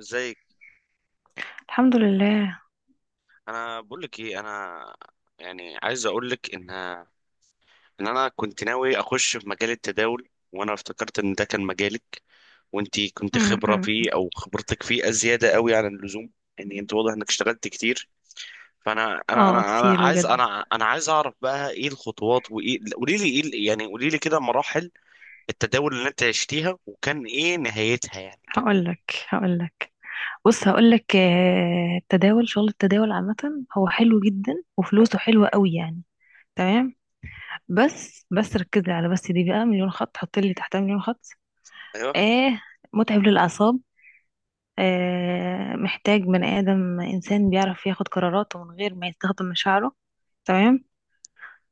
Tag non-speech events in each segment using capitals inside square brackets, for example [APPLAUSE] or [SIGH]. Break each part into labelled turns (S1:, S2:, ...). S1: ازيك؟
S2: الحمد لله.
S1: انا بقول لك ايه، انا عايز اقول لك ان انا كنت ناوي اخش في مجال التداول، وانا افتكرت ان ده كان مجالك، وانت كنت
S2: م-
S1: خبره
S2: م.
S1: فيه او خبرتك فيه ازياده قوي عن اللزوم. يعني انت واضح انك اشتغلت كتير. فانا انا
S2: اه
S1: انا انا
S2: كتير
S1: عايز
S2: بجد.
S1: انا انا عايز اعرف بقى ايه الخطوات، وايه، قولي لي ايه قولي لي كده مراحل التداول اللي انت عشتيها، وكان ايه نهايتها؟ يعني كان.
S2: هقولك، بص، هقولك، التداول، شغل التداول عامة، هو حلو جدا وفلوسه حلوة قوي يعني. تمام. بس ركزي على بس، دي بقى مليون خط، حطي لي تحتها مليون خط.
S1: ايوه.
S2: اه متعب للأعصاب. محتاج بني آدم، إنسان بيعرف ياخد قراراته من غير ما يستخدم مشاعره. تمام.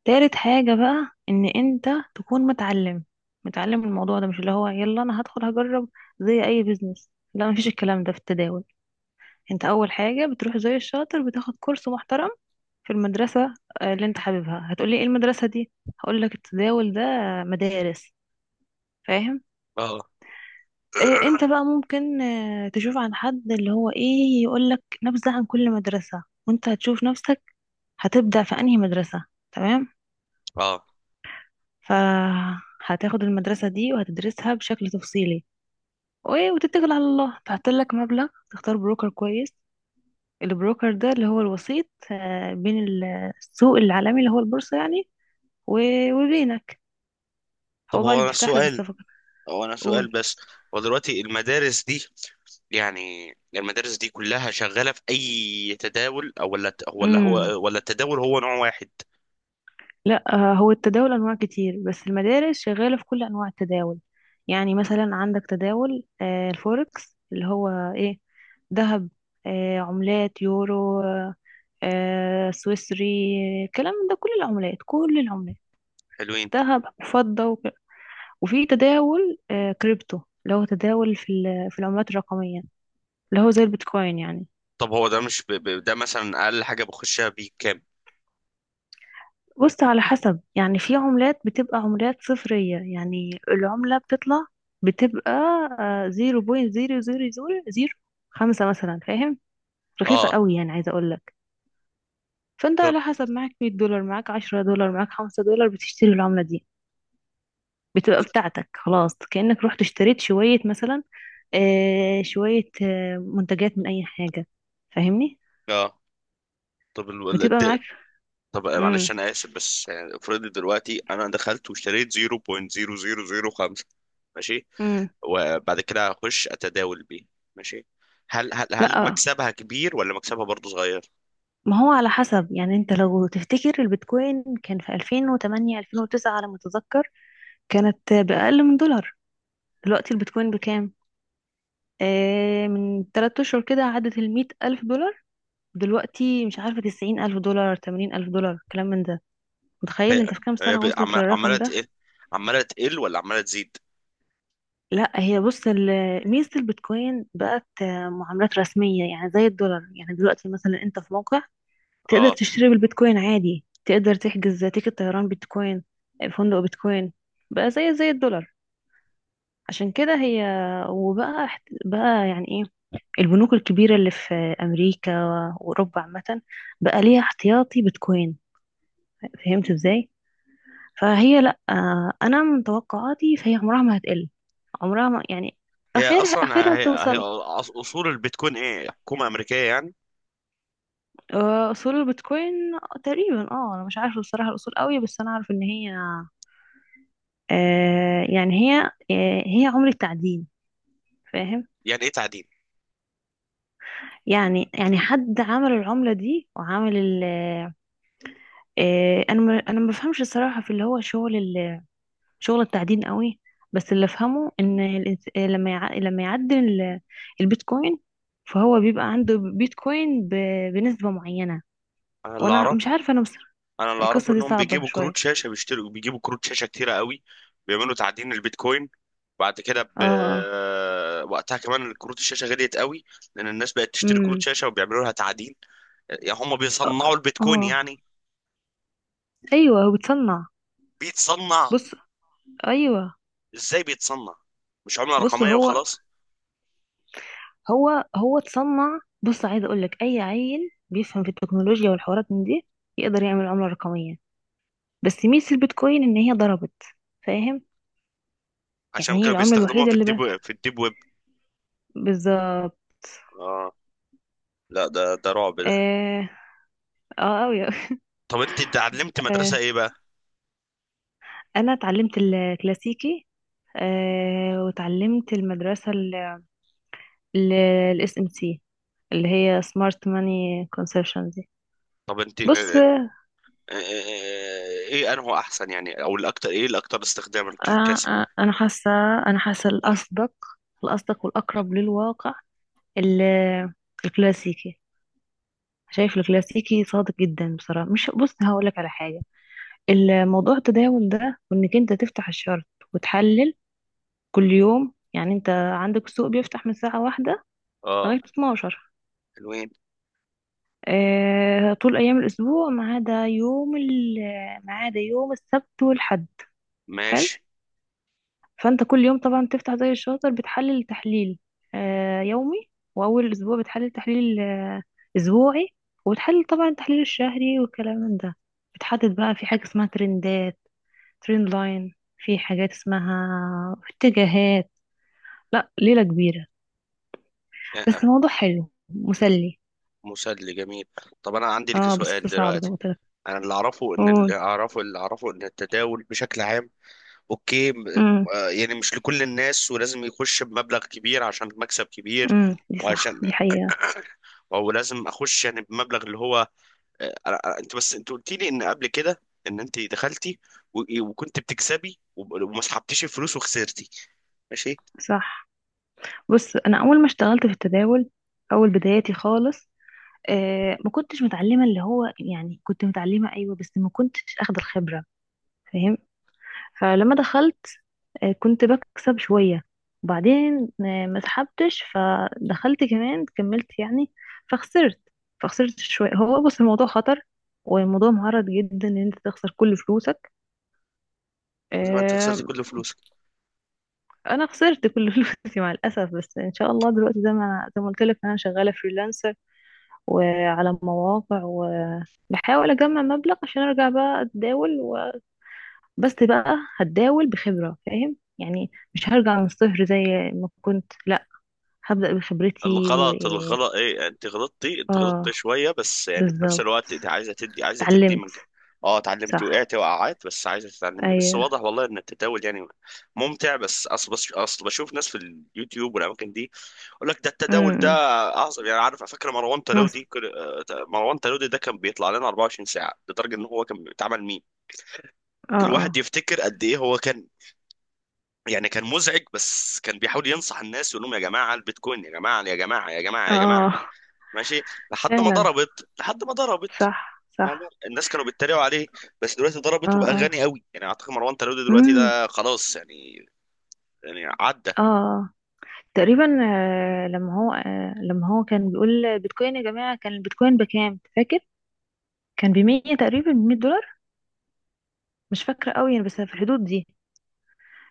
S2: تالت حاجة بقى ان انت تكون متعلم، متعلم الموضوع ده، مش اللي هو يلا انا هدخل هجرب، زي اي بيزنس، لا مفيش الكلام ده في التداول. انت اول حاجة بتروح زي الشاطر بتاخد كورس محترم في المدرسة. اللي انت حاببها. هتقولي ايه المدرسة دي؟ هقولك، التداول ده مدارس، فاهم؟
S1: اه.
S2: إيه، انت بقى ممكن تشوف عن حد اللي هو ايه، يقولك نبذة عن كل مدرسة وانت هتشوف نفسك هتبدأ في انهي مدرسة. تمام.
S1: [COUGHS] اه.
S2: فهتاخد المدرسة دي وهتدرسها بشكل تفصيلي، وايه وتتكل على الله، تحط لك مبلغ، تختار بروكر كويس. البروكر ده اللي هو الوسيط بين السوق العالمي اللي هو البورصة يعني، و- وبينك.
S1: طب
S2: هو بقى
S1: هو
S2: اللي
S1: أنا
S2: بيفتح لك
S1: السؤال،
S2: الصفقة.
S1: هو انا سؤال
S2: قول.
S1: بس. هو دلوقتي المدارس دي، يعني المدارس دي كلها شغالة في اي تداول، او ولا هو
S2: امم
S1: ولا التداول هو نوع واحد؟
S2: لا. هو التداول انواع كتير، بس المدارس شغاله في كل انواع التداول. يعني مثلا عندك تداول الفوركس، اللي هو ايه، ذهب، عملات، يورو، سويسري، الكلام ده، كل العملات، كل العملات،
S1: حلوين.
S2: ذهب وفضه وفي تداول كريبتو، اللي هو تداول في في العملات الرقميه، اللي هو زي البيتكوين يعني.
S1: طب هو ده مش ده مثلا اقل حاجة بخشها بكام؟
S2: بص، على حسب يعني، في عملات بتبقى عملات صفرية، يعني العملة بتطلع بتبقى زيرو بوينت زيرو زيرو زيرو زيرو خمسة مثلا، فاهم، رخيصة
S1: اه.
S2: قوي يعني، عايزة أقول لك. فأنت
S1: طب
S2: على حسب، معاك 100 دولار، معاك 10 دولار، معاك 5 دولار، بتشتري العملة دي، بتبقى بتاعتك خلاص، كأنك رحت اشتريت شوية مثلا، شوية منتجات من أي حاجة، فاهمني؟
S1: اه. طب
S2: بتبقى معاك.
S1: طب معلش
S2: امم
S1: انا اسف، بس يعني افرضي دلوقتي انا دخلت واشتريت 0.0005، ماشي،
S2: امم
S1: وبعد كده هخش اتداول بيه، ماشي، هل
S2: لا،
S1: مكسبها كبير ولا مكسبها برضه صغير؟
S2: ما هو على حسب يعني. انت لو تفتكر البيتكوين كان في 2008 2009 على ما اتذكر، كانت بأقل من دولار. دلوقتي البيتكوين بكام؟ من 3 اشهر كده عدت ال 100 ألف دولار، دلوقتي مش عارفة، 90 ألف دولار، 80 ألف دولار، كلام من ده.
S1: هي
S2: متخيل انت في كام سنة وصلت
S1: عماله
S2: للرقم ده؟
S1: تقل، عماله تقل ولا عماله تزيد؟
S2: لا هي بص، ميزة البيتكوين بقت معاملات رسمية يعني، زي الدولار يعني. دلوقتي مثلا انت في موقع تقدر
S1: اه.
S2: تشتري بالبيتكوين عادي، تقدر تحجز تيكت طيران بيتكوين، فندق بيتكوين. بقى زي الدولار. عشان كده هي، وبقى، بقى يعني ايه، البنوك الكبيرة اللي في أمريكا وأوروبا عامة بقى ليها احتياطي بيتكوين. فهمت ازاي؟ فهي لأ، أنا من توقعاتي فهي عمرها ما هتقل، عمرها ما يعني،
S1: هي
S2: أخرها
S1: اصلا
S2: أخرها
S1: هي هي
S2: توصل.
S1: أص- اصول البيتكوين ايه؟ حكومه امريكيه يعني؟
S2: أصول البيتكوين تقريبا، أنا مش عارفة بصراحة الأصول قوي، بس أنا أعرف إن هي، آه يعني هي هي عملة تعدين، فاهم.
S1: يعني ايه تعدين؟
S2: يعني، يعني حد عمل العملة دي وعمل ال انا ما بفهمش الصراحة، في اللي هو شغل شغل التعدين قوي، بس اللي افهمه ان لما يعدل البيتكوين، فهو بيبقى عنده بيتكوين بنسبة معينة.
S1: انا اللي
S2: وانا
S1: اعرف،
S2: مش عارفة انا بصراحة،
S1: انا اللي اعرفه
S2: القصة دي
S1: انهم
S2: صعبة
S1: بيجيبوا كروت
S2: شوية.
S1: شاشه، بيشتروا، بيجيبوا كروت شاشه كتيره قوي، بيعملوا تعدين البيتكوين، بعد كده
S2: اه اه
S1: وقتها كمان كروت الشاشه غليت قوي، لان الناس بقت تشتري كروت
S2: امم
S1: شاشه وبيعملوا لها تعدين. يعني هم
S2: اه
S1: بيصنعوا البيتكوين
S2: آه.
S1: يعني.
S2: ايوه، هو بتصنع.
S1: بيتصنع؟
S2: بص ايوه
S1: ازاي بيتصنع؟ مش عمله
S2: بص
S1: رقميه
S2: هو
S1: وخلاص؟
S2: هو هو اتصنع، بص، عايزه اقول لك اي عيل بيفهم في التكنولوجيا والحوارات من دي يقدر يعمل عمله رقميه. بس ميزه البيتكوين ان هي ضربت، فاهم.
S1: عشان
S2: يعني هي
S1: كانوا
S2: العمله
S1: بيستخدموها
S2: الوحيده
S1: في
S2: اللي
S1: الديب
S2: بقى.
S1: ويب، في الديب ويب.
S2: بالظبط.
S1: اه. لا ده، ده رعب ده.
S2: اه اه أوي. [LAUGHS]
S1: طب انت اتعلمت مدرسة
S2: آه
S1: ايه بقى؟
S2: انا اتعلمت الكلاسيكي، وتعلمت المدرسه الاس ام سي، اللي هي سمارت ماني كونسبشن دي.
S1: طب انت
S2: بص.
S1: ايه، ايه انه احسن يعني، او الاكتر، ايه الاكتر استخداما للكسر؟
S2: انا حاسه، انا حاسه الاصدق، الاصدق والاقرب للواقع، ال- الكلاسيكي. شايف الكلاسيكي صادق جدا بصراحة. مش، بص هقولك على حاجة، الموضوع التداول ده، وانك انت تفتح الشرط وتحلل كل يوم. يعني انت عندك السوق بيفتح من الساعة واحدة
S1: اه.
S2: لغاية 12،
S1: حلوين.
S2: اه طول ايام الاسبوع ما عدا ما عدا يوم السبت والحد. حلو.
S1: ماشي.
S2: فانت كل يوم طبعا بتفتح زي الشاطر، بتحلل تحليل يومي، واول اسبوع بتحلل تحليل اسبوعي، وبتحلل طبعا التحليل الشهري والكلام من ده. بتحدد بقى، في حاجة اسمها ترندات، ترند لاين، في حاجات اسمها اتجاهات. لا ليلة كبيرة،
S1: اه، آه.
S2: بس موضوع حلو مسلي.
S1: مسلي جميل. طب انا عندي لك
S2: اه بس
S1: سؤال
S2: صعب زي ما
S1: دلوقتي.
S2: قلت لك.
S1: انا اللي اعرفه ان اللي
S2: قول.
S1: اعرفه اللي اعرفه ان التداول بشكل عام، اوكي
S2: امم
S1: اه، يعني مش لكل الناس، ولازم يخش بمبلغ كبير عشان مكسب كبير،
S2: دي صح،
S1: وعشان،
S2: دي حقيقة.
S1: او لازم اخش يعني بمبلغ اللي هو، آه، انت بس انت قلت لي ان قبل كده ان انت دخلتي وكنت بتكسبي وما سحبتيش الفلوس وخسرتي، ماشي.
S2: صح. بص، انا اول ما اشتغلت في التداول، اول بداياتي خالص، ما كنتش متعلمة، اللي هو يعني، كنت متعلمة أيوة بس ما كنتش أخد الخبرة، فاهم؟ فلما دخلت، كنت بكسب شوية، وبعدين ما سحبتش، فدخلت كمان، كملت يعني، فخسرت، فخسرت شوية. هو بص، الموضوع خطر، والموضوع معرض جدا ان انت تخسر كل فلوسك.
S1: زي ما انت خسرت
S2: آه
S1: كل فلوسك.
S2: انا خسرت كل [LAUGHS] فلوسي مع الاسف، بس ان شاء الله دلوقتي زي ما قلت لك، انا شغاله فريلانسر وعلى مواقع، وبحاول اجمع مبلغ عشان ارجع بقى اتداول و... بس بقى هتداول بخبرة، فاهم يعني، مش هرجع من الصفر زي ما كنت، لا هبدأ بخبرتي و...
S1: الغلط ايه، انت غلطتي، انت غلطتي
S2: اه
S1: شويه، بس يعني في نفس
S2: بالظبط،
S1: الوقت انت عايزه تدي، عايزه تدي
S2: اتعلمت.
S1: اه. اتعلمتي،
S2: صح،
S1: وقعتي وقعات، بس عايزه تتعلمي، بس
S2: ايوه.
S1: واضح والله ان التداول يعني ممتع. بس اصل بشوف ناس في اليوتيوب والاماكن دي، اقول لك ده التداول ده
S2: امم.
S1: اعظم يعني. عارف فاكر مروان
S2: نص.
S1: تلودي مروان تلودي ده كان بيطلع لنا 24 ساعه، لدرجه ان هو كان بيتعمل ميم.
S2: اه
S1: الواحد
S2: اه
S1: يفتكر قد ايه هو كان، يعني كان مزعج، بس كان بيحاول ينصح الناس، يقول لهم يا جماعه البيتكوين، يا جماعه،
S2: اه
S1: ماشي، لحد ما
S2: فعلا.
S1: ضربت لحد ما ضربت
S2: صح،
S1: فاهم؟
S2: صح.
S1: الناس كانوا بيتريقوا عليه، بس دلوقتي
S2: اه
S1: ضربت وبقى
S2: اه
S1: غني قوي. يعني اعتقد مروان تلودي دلوقتي
S2: امم
S1: ده خلاص يعني، يعني عدى.
S2: اه آه. تقريبا. لما هو كان بيقول بيتكوين يا جماعة، كان البيتكوين بكام فاكر؟ كان ب 100 تقريبا، ب 100 دولار، مش فاكرة قوي يعني، بس في الحدود دي.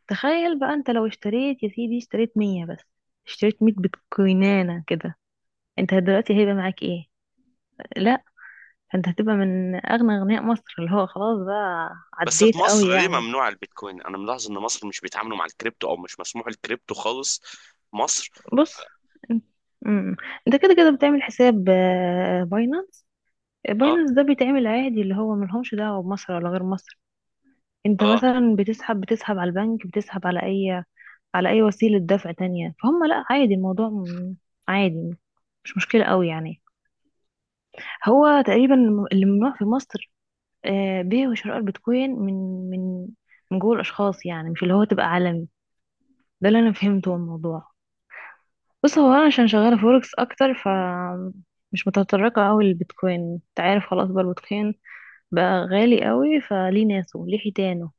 S2: تخيل بقى انت لو اشتريت يا سيدي، اشتريت 100 بس، اشتريت مية بيتكوينانة كده، انت دلوقتي هيبقى معاك ايه؟ لا انت هتبقى من اغنى اغنياء مصر، اللي هو خلاص بقى،
S1: بس
S2: عديت
S1: في مصر
S2: قوي
S1: ليه
S2: يعني.
S1: ممنوع البيتكوين؟ انا ملاحظ ان مصر مش بيتعاملوا مع الكريبتو، او مش مسموح الكريبتو خالص في مصر.
S2: بص انت، مم. انت كده كده بتعمل حساب باينانس.
S1: اه.
S2: باينانس ده بيتعمل عادي، اللي هو ملهمش دعوة بمصر ولا غير مصر. انت
S1: اه.
S2: مثلا بتسحب، بتسحب على البنك، بتسحب على اي، على اي وسيلة دفع تانية، فهم لا، عادي الموضوع عادي، مش مشكلة قوي يعني. هو تقريبا اللي ممنوع في مصر بيع وشراء البيتكوين من، من، من جوه الاشخاص يعني، مش اللي هو تبقى عالمي. ده اللي انا فهمته من الموضوع. بص هو، انا عشان شغالة فوركس اكتر ف مش متطرقة قوي للبيتكوين، انت عارف، خلاص بقى البيتكوين بقى غالي قوي، فليه ناسه ليه حيتانه،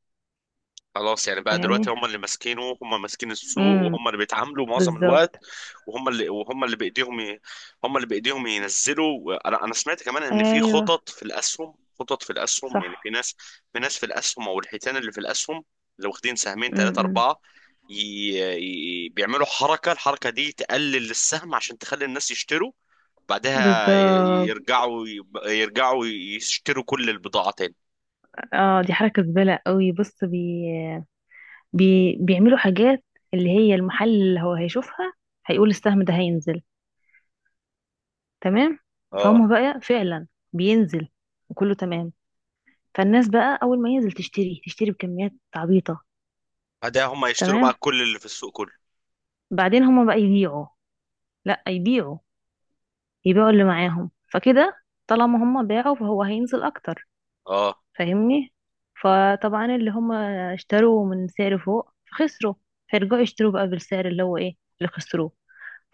S1: خلاص يعني بقى دلوقتي
S2: فاهمني.
S1: هم اللي ماسكينه، هم ماسكين السوق،
S2: امم،
S1: وهم اللي بيتعاملوا معظم الوقت.
S2: بالظبط.
S1: وهم اللي وهم اللي بايديهم ي... هم اللي بايديهم ينزلوا. انا سمعت كمان ان في
S2: ايوه،
S1: خطط في الاسهم، يعني في
S2: صح.
S1: ناس، في الاسهم، او الحيتان اللي في الاسهم، اللي واخدين سهمين، ثلاثة،
S2: امم،
S1: أربعة، ي... بيعملوا حركة، الحركة دي تقلل السهم عشان تخلي الناس يشتروا، بعدها
S2: بالظبط.
S1: يرجعوا يشتروا كل البضاعة تاني.
S2: اه دي حركة زبالة قوي. بص بيعملوا حاجات، اللي هي المحل اللي هو هيشوفها، هيقول السهم ده هينزل. تمام.
S1: اه.
S2: فهم بقى فعلا بينزل، وكله تمام، فالناس بقى اول ما ينزل تشتري، تشتري بكميات عبيطة.
S1: بعدها هم يشتروا بقى
S2: تمام.
S1: كل اللي في السوق كله.
S2: بعدين هم بقى يبيعوا، لا يبيعوا، يبيعوا اللي معاهم فكده، طالما هم باعوا فهو هينزل اكتر،
S1: اه.
S2: فاهمني. فطبعا اللي هم اشتروا من سعر فوق فخسروا، فيرجعوا يشتروا بقى بالسعر اللي هو ايه اللي خسروه،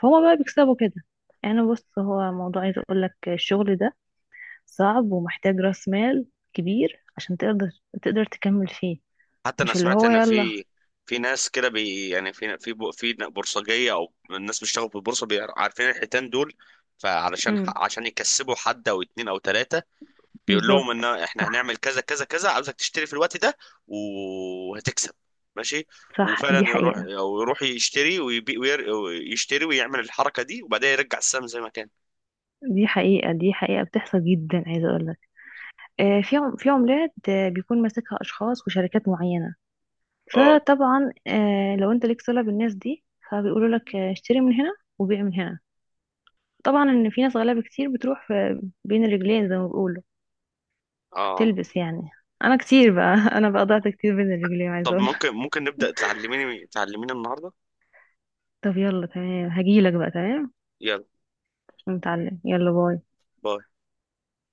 S2: فهم بقى بيكسبوا كده. يعني بص هو موضوع، عايز اقول لك الشغل ده صعب ومحتاج راس مال كبير عشان تقدر، تقدر تكمل فيه،
S1: حتى انا
S2: مش اللي
S1: سمعت
S2: هو
S1: ان
S2: يلا.
S1: في ناس كده بي يعني في في ب- في بورصجية او الناس بيشتغلوا في البورصة، عارفين الحيتان دول، فعلشان
S2: امم،
S1: عشان يكسبوا حد او اتنين او تلاتة، بيقول لهم
S2: بالظبط.
S1: ان احنا هنعمل
S2: صح،
S1: كذا كذا كذا، عاوزك تشتري في الوقت ده وهتكسب، ماشي،
S2: صح، دي
S1: وفعلا يروح،
S2: حقيقة.
S1: او يروح يشتري ويبيع ويشتري ويعمل الحركه دي، وبعدين يرجع السهم زي ما كان.
S2: دي حقيقة، دي حقيقة بتحصل جدا، عايزة اقول لك في عملات بيكون ماسكها اشخاص وشركات معينة،
S1: اه.
S2: فطبعا لو انت ليك صلة بالناس دي، فبيقولوا لك اشتري من هنا وبيع من هنا. طبعا ان في ناس غلابة كتير بتروح بين الرجلين زي ما بيقولوا،
S1: اه.
S2: بتلبس يعني. انا كتير بقى [LAUGHS] انا بقى ضعت كتير بين الرجلين، عايزه
S1: طب
S2: اقول لك.
S1: ممكن، نبدا تعلميني، النهارده؟
S2: طب يلا تمام، هجيلك بقى، تمام،
S1: يلا.
S2: نتعلم، يلا، باي.
S1: باي.